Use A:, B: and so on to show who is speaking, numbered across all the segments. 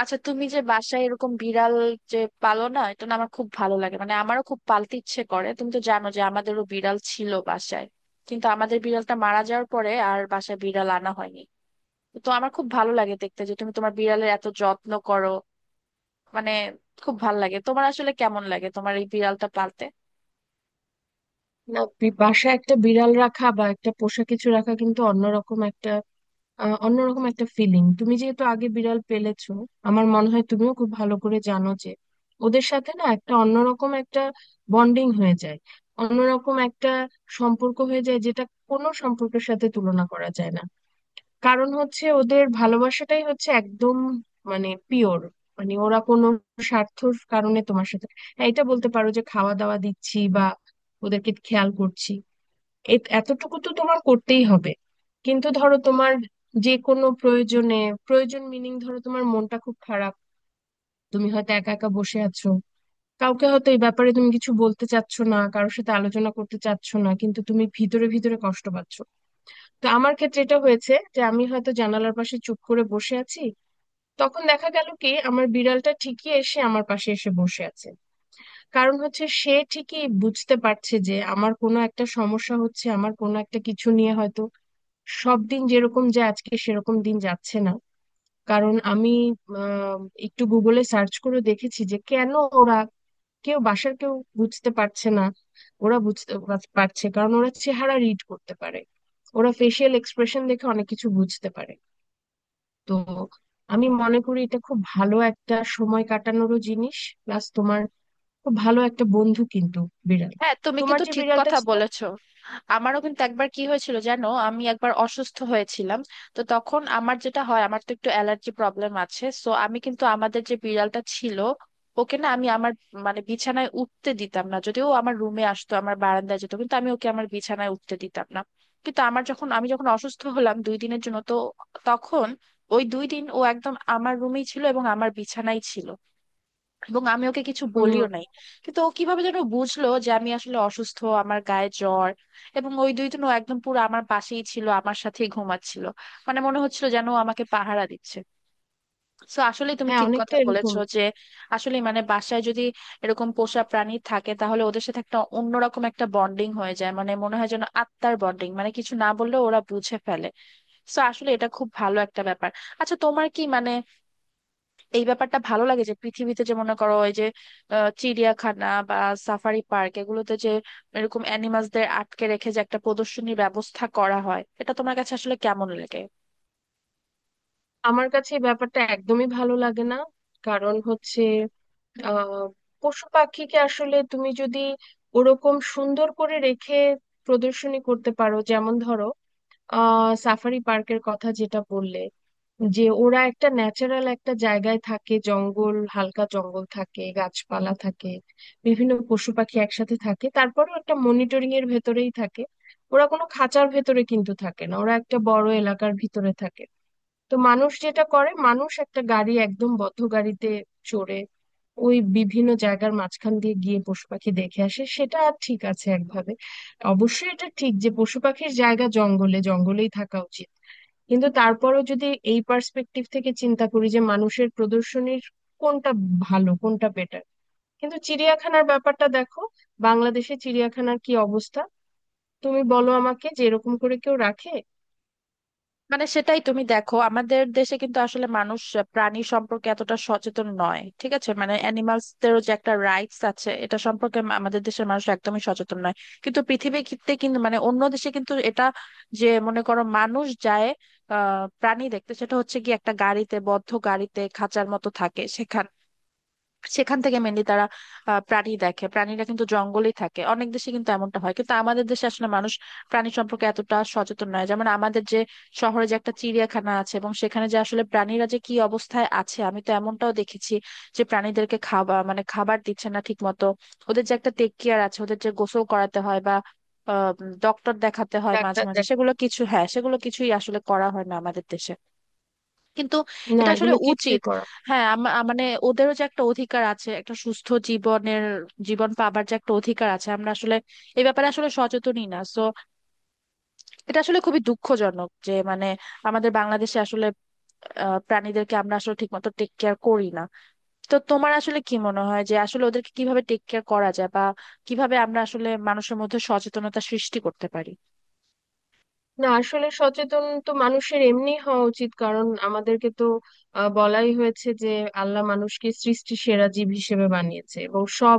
A: আচ্ছা, তুমি যে বাসায় এরকম বিড়াল যে পালো না, এটা না আমার খুব ভালো লাগে। মানে আমারও খুব পালতে ইচ্ছে করে। তুমি তো জানো যে আমাদেরও বিড়াল ছিল বাসায়, কিন্তু আমাদের বিড়ালটা মারা যাওয়ার পরে আর বাসায় বিড়াল আনা হয়নি। তো আমার খুব ভালো লাগে দেখতে যে তুমি তোমার বিড়ালের এত যত্ন করো। মানে খুব ভালো লাগে। তোমার আসলে কেমন লাগে তোমার এই বিড়ালটা পালতে?
B: না বাসায় একটা বিড়াল রাখা বা একটা পোষা কিছু রাখা কিন্তু অন্যরকম একটা অন্যরকম একটা ফিলিং। তুমি যেহেতু আগে বিড়াল পেলেছো, আমার মনে হয় তুমিও খুব ভালো করে জানো যে ওদের সাথে না একটা অন্যরকম একটা বন্ডিং হয়ে যায়, অন্যরকম একটা সম্পর্ক হয়ে যায়, যেটা কোনো সম্পর্কের সাথে তুলনা করা যায় না। কারণ হচ্ছে ওদের ভালোবাসাটাই হচ্ছে একদম মানে পিওর। মানে ওরা কোনো স্বার্থর কারণে তোমার সাথে হ্যাঁ, এটা বলতে পারো যে খাওয়া দাওয়া দিচ্ছি বা ওদেরকে খেয়াল করছি, এতটুকু তো তোমার করতেই হবে। কিন্তু ধরো তোমার যে কোনো প্রয়োজনে, প্রয়োজন মিনিং ধরো তোমার মনটা খুব খারাপ, তুমি হয়তো একা একা বসে আছো, কাউকে হয়তো এই ব্যাপারে তুমি কিছু বলতে চাচ্ছ না, কারোর সাথে আলোচনা করতে চাচ্ছ না, কিন্তু তুমি ভিতরে ভিতরে কষ্ট পাচ্ছ। তো আমার ক্ষেত্রে এটা হয়েছে যে আমি হয়তো জানালার পাশে চুপ করে বসে আছি, তখন দেখা গেল কি আমার বিড়ালটা ঠিকই এসে আমার পাশে এসে বসে আছে। কারণ হচ্ছে সে ঠিকই বুঝতে পারছে যে আমার কোনো একটা সমস্যা হচ্ছে, আমার কোনো একটা কিছু নিয়ে হয়তো সব দিন যেরকম যায় আজকে সেরকম দিন যাচ্ছে না। কারণ আমি আহ, একটু গুগলে সার্চ করে দেখেছি যে কেন ওরা, কেউ বাসার কেউ বুঝতে পারছে না, ওরা বুঝতে পারছে কারণ ওরা চেহারা রিড করতে পারে, ওরা ফেসিয়াল এক্সপ্রেশন দেখে অনেক কিছু বুঝতে পারে। তো আমি মনে করি এটা খুব ভালো একটা সময় কাটানোরও জিনিস, প্লাস তোমার খুব ভালো একটা বন্ধু কিন্তু বিড়াল।
A: হ্যাঁ, তুমি
B: তোমার
A: কিন্তু
B: যে
A: ঠিক
B: বিড়ালটা
A: কথা
B: ছিল।
A: বলেছো। আমারও কিন্তু একবার কি হয়েছিল জানো, আমি একবার অসুস্থ হয়েছিলাম। তো তখন আমার যেটা হয়, আমার তো একটু অ্যালার্জি প্রবলেম আছে, সো আমি কিন্তু আমাদের যে বিড়ালটা ছিল ওকে না আমি আমার মানে বিছানায় উঠতে দিতাম না। যদিও ও আমার রুমে আসতো, আমার বারান্দায় যেত, কিন্তু আমি ওকে আমার বিছানায় উঠতে দিতাম না। কিন্তু আমার যখন আমি যখন অসুস্থ হলাম দুই দিনের জন্য, তো তখন ওই দুই দিন ও একদম আমার রুমেই ছিল এবং আমার বিছানায় ছিল। এবং আমি ওকে কিছু বলিও
B: উম।
A: নাই, কিন্তু ও কিভাবে যেন বুঝলো যে আমি আসলে অসুস্থ, আমার গায়ে জ্বর। এবং ওই দুই দিন ও একদম পুরো আমার পাশেই ছিল, আমার সাথেই ঘুমাচ্ছিল। মানে মনে হচ্ছিল যেন ও আমাকে পাহারা দিচ্ছে। তো আসলে তুমি
B: হ্যাঁ,
A: ঠিক কথা
B: অনেকটা এরকম।
A: বলেছো যে আসলে মানে বাসায় যদি এরকম পোষা প্রাণী থাকে তাহলে ওদের সাথে অন্যরকম একটা বন্ডিং হয়ে যায়। মানে মনে হয় যেন আত্মার বন্ডিং, মানে কিছু না বললেও ওরা বুঝে ফেলে। তো আসলে এটা খুব ভালো একটা ব্যাপার। আচ্ছা, তোমার কি মানে এই ব্যাপারটা ভালো লাগে যে পৃথিবীতে যে মনে করো এই যে চিড়িয়াখানা বা সাফারি পার্ক, এগুলোতে যে এরকম অ্যানিমালসদের আটকে রেখে যে একটা প্রদর্শনীর ব্যবস্থা করা হয়, এটা তোমার কাছে আসলে কেমন লাগে?
B: আমার কাছে এই ব্যাপারটা একদমই ভালো লাগে না। কারণ হচ্ছে আহ পশু পাখিকে আসলে তুমি যদি ওরকম সুন্দর করে রেখে প্রদর্শনী করতে পারো, যেমন ধরো সাফারি পার্কের কথা যেটা বললে, যে ওরা একটা ন্যাচারাল একটা জায়গায় থাকে, জঙ্গল হালকা জঙ্গল থাকে, গাছপালা থাকে, বিভিন্ন পশু পাখি একসাথে থাকে, তারপরেও একটা মনিটরিং এর ভেতরেই থাকে, ওরা কোনো খাঁচার ভেতরে কিন্তু থাকে না, ওরা একটা বড় এলাকার ভিতরে থাকে। তো মানুষ যেটা করে, মানুষ একটা গাড়ি, একদম বদ্ধ গাড়িতে চড়ে ওই বিভিন্ন জায়গার মাঝখান দিয়ে গিয়ে পশু পাখি দেখে আসে, সেটা ঠিক আছে একভাবে। অবশ্যই এটা ঠিক যে পশু পাখির জায়গা জঙ্গলে, জঙ্গলেই থাকা উচিত, কিন্তু তারপরেও যদি এই পার্সপেক্টিভ থেকে চিন্তা করি যে মানুষের প্রদর্শনীর কোনটা ভালো কোনটা বেটার, কিন্তু চিড়িয়াখানার ব্যাপারটা দেখো, বাংলাদেশে চিড়িয়াখানার কি অবস্থা, তুমি বলো আমাকে যে এরকম করে কেউ রাখে।
A: মানে সেটাই, তুমি দেখো আমাদের দেশে কিন্তু আসলে মানুষ প্রাণী সম্পর্কে এতটা সচেতন নয়। ঠিক আছে, মানে অ্যানিমালসদেরও যে একটা রাইটস আছে, এটা সম্পর্কে আমাদের দেশের মানুষ একদমই সচেতন নয়। কিন্তু পৃথিবী ক্ষেত্রে কিন্তু মানে অন্য দেশে কিন্তু এটা যে মনে করো মানুষ যায় প্রাণী দেখতে, সেটা হচ্ছে কি একটা গাড়িতে, বদ্ধ গাড়িতে, খাঁচার মতো থাকে সেখানে। সেখান থেকে মেনলি তারা প্রাণী দেখে। প্রাণীরা কিন্তু জঙ্গলেই থাকে, অনেক দেশে কিন্তু এমনটা হয়। কিন্তু আমাদের দেশে আসলে মানুষ প্রাণী সম্পর্কে এতটা সচেতন নয়। যেমন আমাদের যে শহরে যে একটা চিড়িয়াখানা আছে এবং সেখানে যে আসলে প্রাণীরা যে কি অবস্থায় আছে, আমি তো এমনটাও দেখেছি যে প্রাণীদেরকে খাবার, মানে খাবার দিচ্ছে না ঠিক মতো। ওদের যে একটা টেক কেয়ার আছে, ওদের যে গোসল করাতে হয় বা ডক্টর দেখাতে হয় মাঝে
B: ডাক্তার
A: মাঝে,
B: দেখো।
A: সেগুলো কিছু, হ্যাঁ, সেগুলো কিছুই আসলে করা হয় না আমাদের দেশে। কিন্তু
B: না
A: এটা আসলে
B: এগুলো কিছুই
A: উচিত।
B: করা।
A: হ্যাঁ, মানে ওদেরও যে একটা অধিকার আছে একটা সুস্থ জীবনের, জীবন পাবার যে একটা অধিকার আছে, আমরা আসলে এই ব্যাপারে আসলে সচেতনই না। সো এটা আসলে খুবই দুঃখজনক যে মানে আমাদের বাংলাদেশে আসলে প্রাণীদেরকে আমরা আসলে ঠিকমতো টেক কেয়ার করি না। তো তোমার আসলে কি মনে হয় যে আসলে ওদেরকে কিভাবে টেক কেয়ার করা যায় বা কিভাবে আমরা আসলে মানুষের মধ্যে সচেতনতা সৃষ্টি করতে পারি?
B: না, আসলে সচেতন তো মানুষের এমনি হওয়া উচিত, কারণ আমাদেরকে তো বলাই হয়েছে যে আল্লাহ মানুষকে সৃষ্টি সেরা জীব হিসেবে বানিয়েছে এবং সব,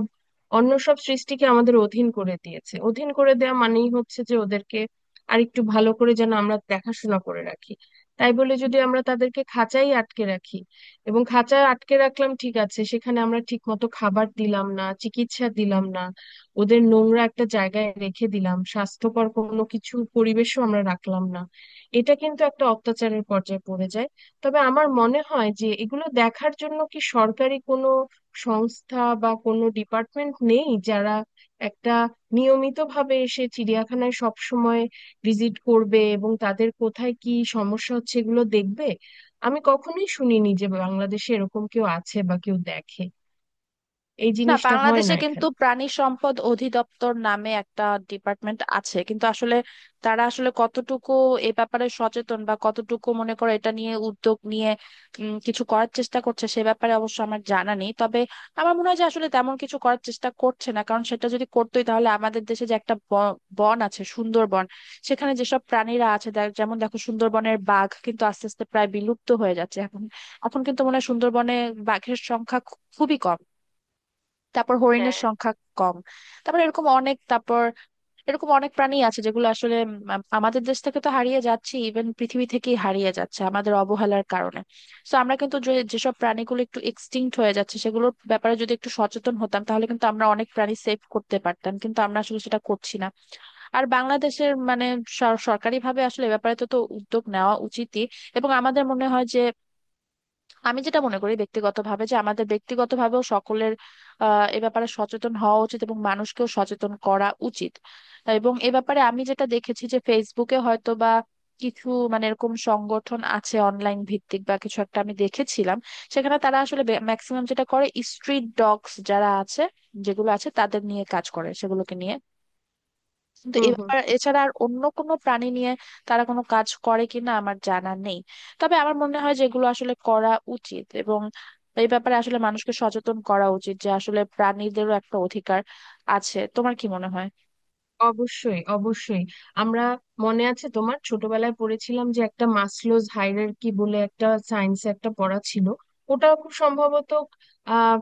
B: অন্য সব সৃষ্টিকে আমাদের অধীন করে দিয়েছে। অধীন করে দেওয়া মানেই হচ্ছে যে ওদেরকে আরেকটু ভালো করে যেন আমরা দেখাশোনা করে রাখি। তাই বলে যদি আমরা তাদেরকে খাঁচাই আটকে রাখি, এবং খাঁচায় আটকে রাখলাম ঠিক আছে, সেখানে আমরা ঠিক মতো খাবার দিলাম না, চিকিৎসা দিলাম না, ওদের নোংরা একটা জায়গায় রেখে দিলাম, স্বাস্থ্যকর কোনো কিছু পরিবেশও আমরা রাখলাম না, এটা কিন্তু একটা অত্যাচারের পর্যায়ে পড়ে যায়। তবে আমার মনে হয় যে এগুলো দেখার জন্য কি সরকারি কোনো সংস্থা বা কোনো ডিপার্টমেন্ট নেই, যারা একটা নিয়মিতভাবে এসে চিড়িয়াখানায় সব সময় ভিজিট করবে এবং তাদের কোথায় কি সমস্যা হচ্ছে এগুলো দেখবে। আমি কখনোই শুনিনি যে বাংলাদেশে এরকম কেউ আছে বা কেউ দেখে, এই
A: না,
B: জিনিসটা হয়
A: বাংলাদেশে
B: না
A: কিন্তু
B: এখানে।
A: প্রাণী সম্পদ অধিদপ্তর নামে একটা ডিপার্টমেন্ট আছে, কিন্তু আসলে তারা আসলে কতটুকু এ ব্যাপারে সচেতন বা কতটুকু মনে করো এটা নিয়ে উদ্যোগ নিয়ে কিছু করার চেষ্টা করছে সে ব্যাপারে অবশ্য আমার জানা নেই। তবে আমার মনে হয় যে আসলে তেমন কিছু করার চেষ্টা করছে না, কারণ সেটা যদি করতোই তাহলে আমাদের দেশে যে একটা বন আছে, সুন্দরবন, সেখানে যেসব প্রাণীরা আছে যেমন দেখো সুন্দরবনের বাঘ কিন্তু আস্তে আস্তে প্রায় বিলুপ্ত হয়ে যাচ্ছে এখন। এখন কিন্তু মনে হয় সুন্দরবনে বাঘের সংখ্যা খুবই কম, তারপর হরিণের
B: হ্যাঁ।
A: সংখ্যা কম, তারপর এরকম অনেক, প্রাণী আছে যেগুলো আসলে আমাদের দেশ থেকে তো হারিয়ে যাচ্ছে, ইভেন পৃথিবী থেকেই হারিয়ে যাচ্ছে আমাদের অবহেলার কারণে। তো আমরা কিন্তু যে যেসব প্রাণীগুলো একটু এক্সটিংক্ট হয়ে যাচ্ছে সেগুলোর ব্যাপারে যদি একটু সচেতন হতাম তাহলে কিন্তু আমরা অনেক প্রাণী সেভ করতে পারতাম, কিন্তু আমরা আসলে সেটা করছি না। আর বাংলাদেশের মানে সরকারি ভাবে আসলে এ ব্যাপারে তো তো উদ্যোগ নেওয়া উচিতই। এবং আমাদের মনে হয় যে আমি যেটা মনে করি ব্যক্তিগতভাবে যে আমাদের ব্যক্তিগতভাবেও সকলের এ ব্যাপারে সচেতন হওয়া উচিত এবং মানুষকেও সচেতন করা উচিত। এবং এ ব্যাপারে আমি যেটা দেখেছি যে ফেসবুকে হয়তো বা কিছু মানে এরকম সংগঠন আছে অনলাইন ভিত্তিক বা কিছু একটা আমি দেখেছিলাম। সেখানে তারা আসলে ম্যাক্সিমাম যেটা করে, স্ট্রিট ডগস যারা আছে, যেগুলো আছে, তাদের নিয়ে কাজ করে সেগুলোকে নিয়ে। কিন্তু এ
B: হুম হুম।
A: ব্যাপার এছাড়া আর অন্য কোনো প্রাণী নিয়ে তারা কোনো কাজ করে কিনা আমার জানা নেই। তবে আমার মনে হয় যেগুলো আসলে করা উচিত, এবং এই ব্যাপারে আসলে মানুষকে সচেতন করা উচিত যে আসলে প্রাণীদেরও একটা অধিকার আছে। তোমার কি মনে হয়?
B: অবশ্যই অবশ্যই। আমরা, মনে আছে তোমার ছোটবেলায় পড়েছিলাম যে একটা মাসলোজ হায়ারার্কি বলে একটা সায়েন্সে একটা পড়া ছিল, ওটা খুব সম্ভবত আহ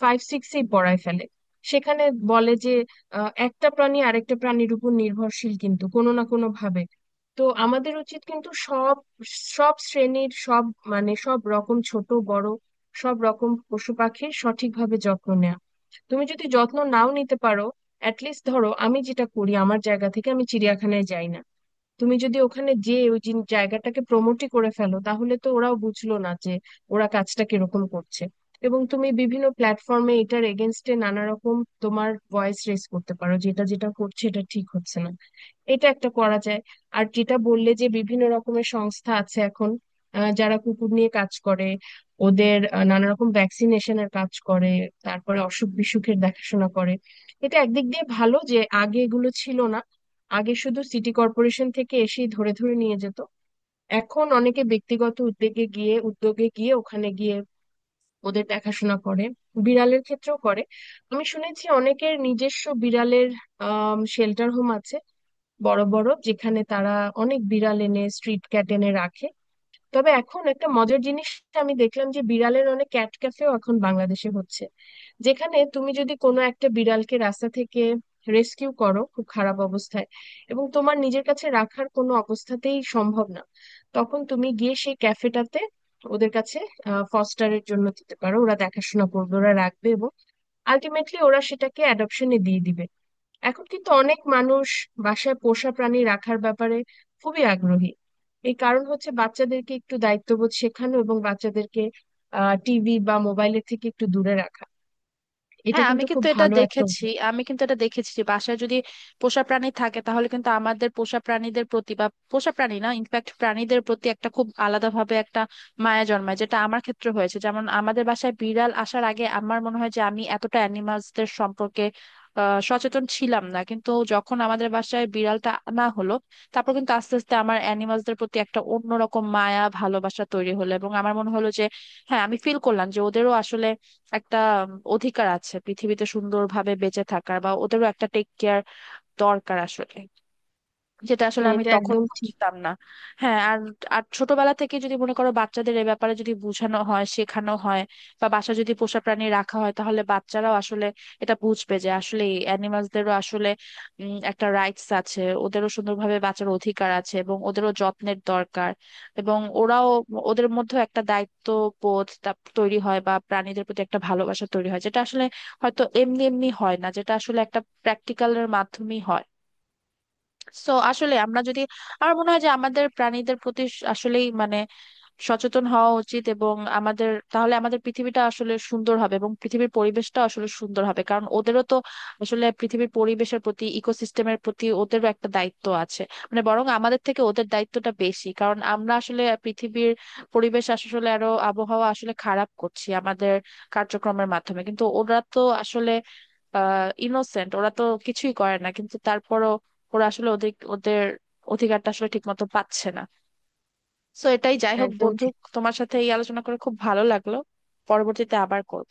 B: ফাইভ সিক্সেই পড়ায় ফেলে। সেখানে বলে যে একটা প্রাণী আরেকটা প্রাণীর উপর নির্ভরশীল কিন্তু কোনো না কোনো ভাবে। তো আমাদের উচিত কিন্তু সব, সব শ্রেণীর সব, মানে সব রকম ছোট বড় সব রকম পশু পাখির সঠিকভাবে যত্ন নেওয়া। তুমি যদি যত্ন নাও নিতে পারো, অ্যাট লিস্ট ধরো আমি যেটা করি, আমার জায়গা থেকে আমি চিড়িয়াখানায় যাই না। তুমি যদি ওখানে যে ওই জায়গাটাকে প্রমোটই করে ফেলো, তাহলে তো ওরাও বুঝলো না যে ওরা কাজটা কিরকম করছে। এবং তুমি বিভিন্ন প্ল্যাটফর্মে এটার এগেনস্টে নানা রকম তোমার ভয়েস রেজ করতে পারো, যেটা যেটা করছে এটা ঠিক হচ্ছে না, এটা একটা করা যায়। আর যেটা বললে যে বিভিন্ন রকমের সংস্থা আছে এখন, যারা কুকুর নিয়ে কাজ করে, ওদের নানা রকম ভ্যাকসিনেশনের কাজ করে, তারপরে অসুখ বিসুখের দেখাশোনা করে। এটা একদিক দিয়ে ভালো যে আগে এগুলো ছিল না, আগে শুধু সিটি কর্পোরেশন থেকে এসেই ধরে ধরে নিয়ে যেত। এখন অনেকে ব্যক্তিগত উদ্যোগে গিয়ে, উদ্যোগে গিয়ে ওখানে গিয়ে ওদের দেখাশোনা করে, বিড়ালের ক্ষেত্রেও করে। আমি শুনেছি অনেকের নিজস্ব বিড়ালের শেল্টার হোম আছে, বড় বড়, যেখানে তারা অনেক বিড়াল এনে স্ট্রিট ক্যাট এনে রাখে। তবে এখন একটা মজার জিনিস আমি দেখলাম, যে বিড়ালের অনেক ক্যাট ক্যাফেও এখন বাংলাদেশে হচ্ছে, যেখানে তুমি যদি কোনো একটা বিড়ালকে রাস্তা থেকে রেস্কিউ করো খুব খারাপ অবস্থায়, এবং তোমার নিজের কাছে রাখার কোনো অবস্থাতেই সম্ভব না, তখন তুমি গিয়ে সেই ক্যাফেটাতে ওদের কাছে ফস্টারের জন্য দিতে পারো, ওরা দেখাশোনা করবে, ওরা রাখবে, এবং আলটিমেটলি ওরা সেটাকে অ্যাডপশনে দিয়ে দিবে। এখন কিন্তু অনেক মানুষ বাসায় পোষা প্রাণী রাখার ব্যাপারে খুবই আগ্রহী। এই কারণ হচ্ছে বাচ্চাদেরকে একটু দায়িত্ববোধ শেখানো, এবং বাচ্চাদেরকে টিভি বা মোবাইলের থেকে একটু দূরে রাখা, এটা
A: হ্যাঁ,
B: কিন্তু খুব ভালো একটা উদ্যোগ।
A: আমি কিন্তু এটা দেখেছি যে বাসায় যদি পোষা প্রাণী থাকে তাহলে কিন্তু আমাদের পোষা প্রাণীদের প্রতি বা পোষা প্রাণী না, ইনফ্যাক্ট প্রাণীদের প্রতি একটা খুব আলাদাভাবে একটা মায়া জন্মায়, যেটা আমার ক্ষেত্রে হয়েছে। যেমন আমাদের বাসায় বিড়াল আসার আগে আমার মনে হয় যে আমি এতটা অ্যানিমালসদের সম্পর্কে সচেতন ছিলাম না, কিন্তু যখন আমাদের বাসায় বিড়ালটা আনা হলো তারপর কিন্তু আস্তে আস্তে আমার অ্যানিমালসদের প্রতি একটা অন্যরকম মায়া ভালোবাসা তৈরি হলো। এবং আমার মনে হলো যে, হ্যাঁ, আমি ফিল করলাম যে ওদেরও আসলে একটা অধিকার আছে পৃথিবীতে সুন্দরভাবে বেঁচে থাকার, বা ওদেরও একটা টেক কেয়ার দরকার আসলে, যেটা আসলে
B: মানে
A: আমি
B: এটা
A: তখন
B: একদম
A: বুঝতাম না। হ্যাঁ, আর আর ছোটবেলা থেকে যদি মনে করো বাচ্চাদের এ ব্যাপারে যদি বোঝানো হয়, শেখানো হয় বা বাসা যদি পোষা প্রাণী রাখা হয়, তাহলে বাচ্চারাও আসলে এটা বুঝবে যে আসলে অ্যানিমালসদেরও আসলে একটা রাইটস আছে, ওদেরও সুন্দরভাবে বাঁচার অধিকার আছে এবং ওদেরও যত্নের দরকার। এবং ওরাও, ওদের মধ্যে একটা দায়িত্ব বোধ তা- তৈরি হয় বা প্রাণীদের প্রতি একটা ভালোবাসা তৈরি হয়, যেটা আসলে হয়তো এমনি এমনি হয় না, যেটা আসলে একটা প্র্যাকটিক্যালের মাধ্যমেই হয়। সো আসলে আমরা যদি, আমার মনে হয় যে আমাদের প্রাণীদের প্রতি আসলেই মানে সচেতন হওয়া উচিত এবং তাহলে আমাদের পৃথিবীটা আসলে সুন্দর হবে এবং পৃথিবীর পরিবেশটা আসলে সুন্দর হবে। কারণ ওদেরও তো আসলে পৃথিবীর পরিবেশের প্রতি, ইকোসিস্টেমের প্রতি ওদেরও একটা দায়িত্ব আছে। মানে বরং আমাদের থেকে ওদের দায়িত্বটা বেশি, কারণ আমরা আসলে পৃথিবীর পরিবেশ আসলে আরো, আবহাওয়া আসলে খারাপ করছি আমাদের কার্যক্রমের মাধ্যমে। কিন্তু ওরা তো আসলে ইনোসেন্ট, ওরা তো কিছুই করে না, কিন্তু তারপরও ওরা আসলে ওদের ওদের অধিকারটা আসলে ঠিক মতো পাচ্ছে না। তো এটাই, যাই হোক
B: একদম
A: বন্ধু,
B: ঠিক।
A: তোমার সাথে এই আলোচনা করে খুব ভালো লাগলো। পরবর্তীতে আবার করব।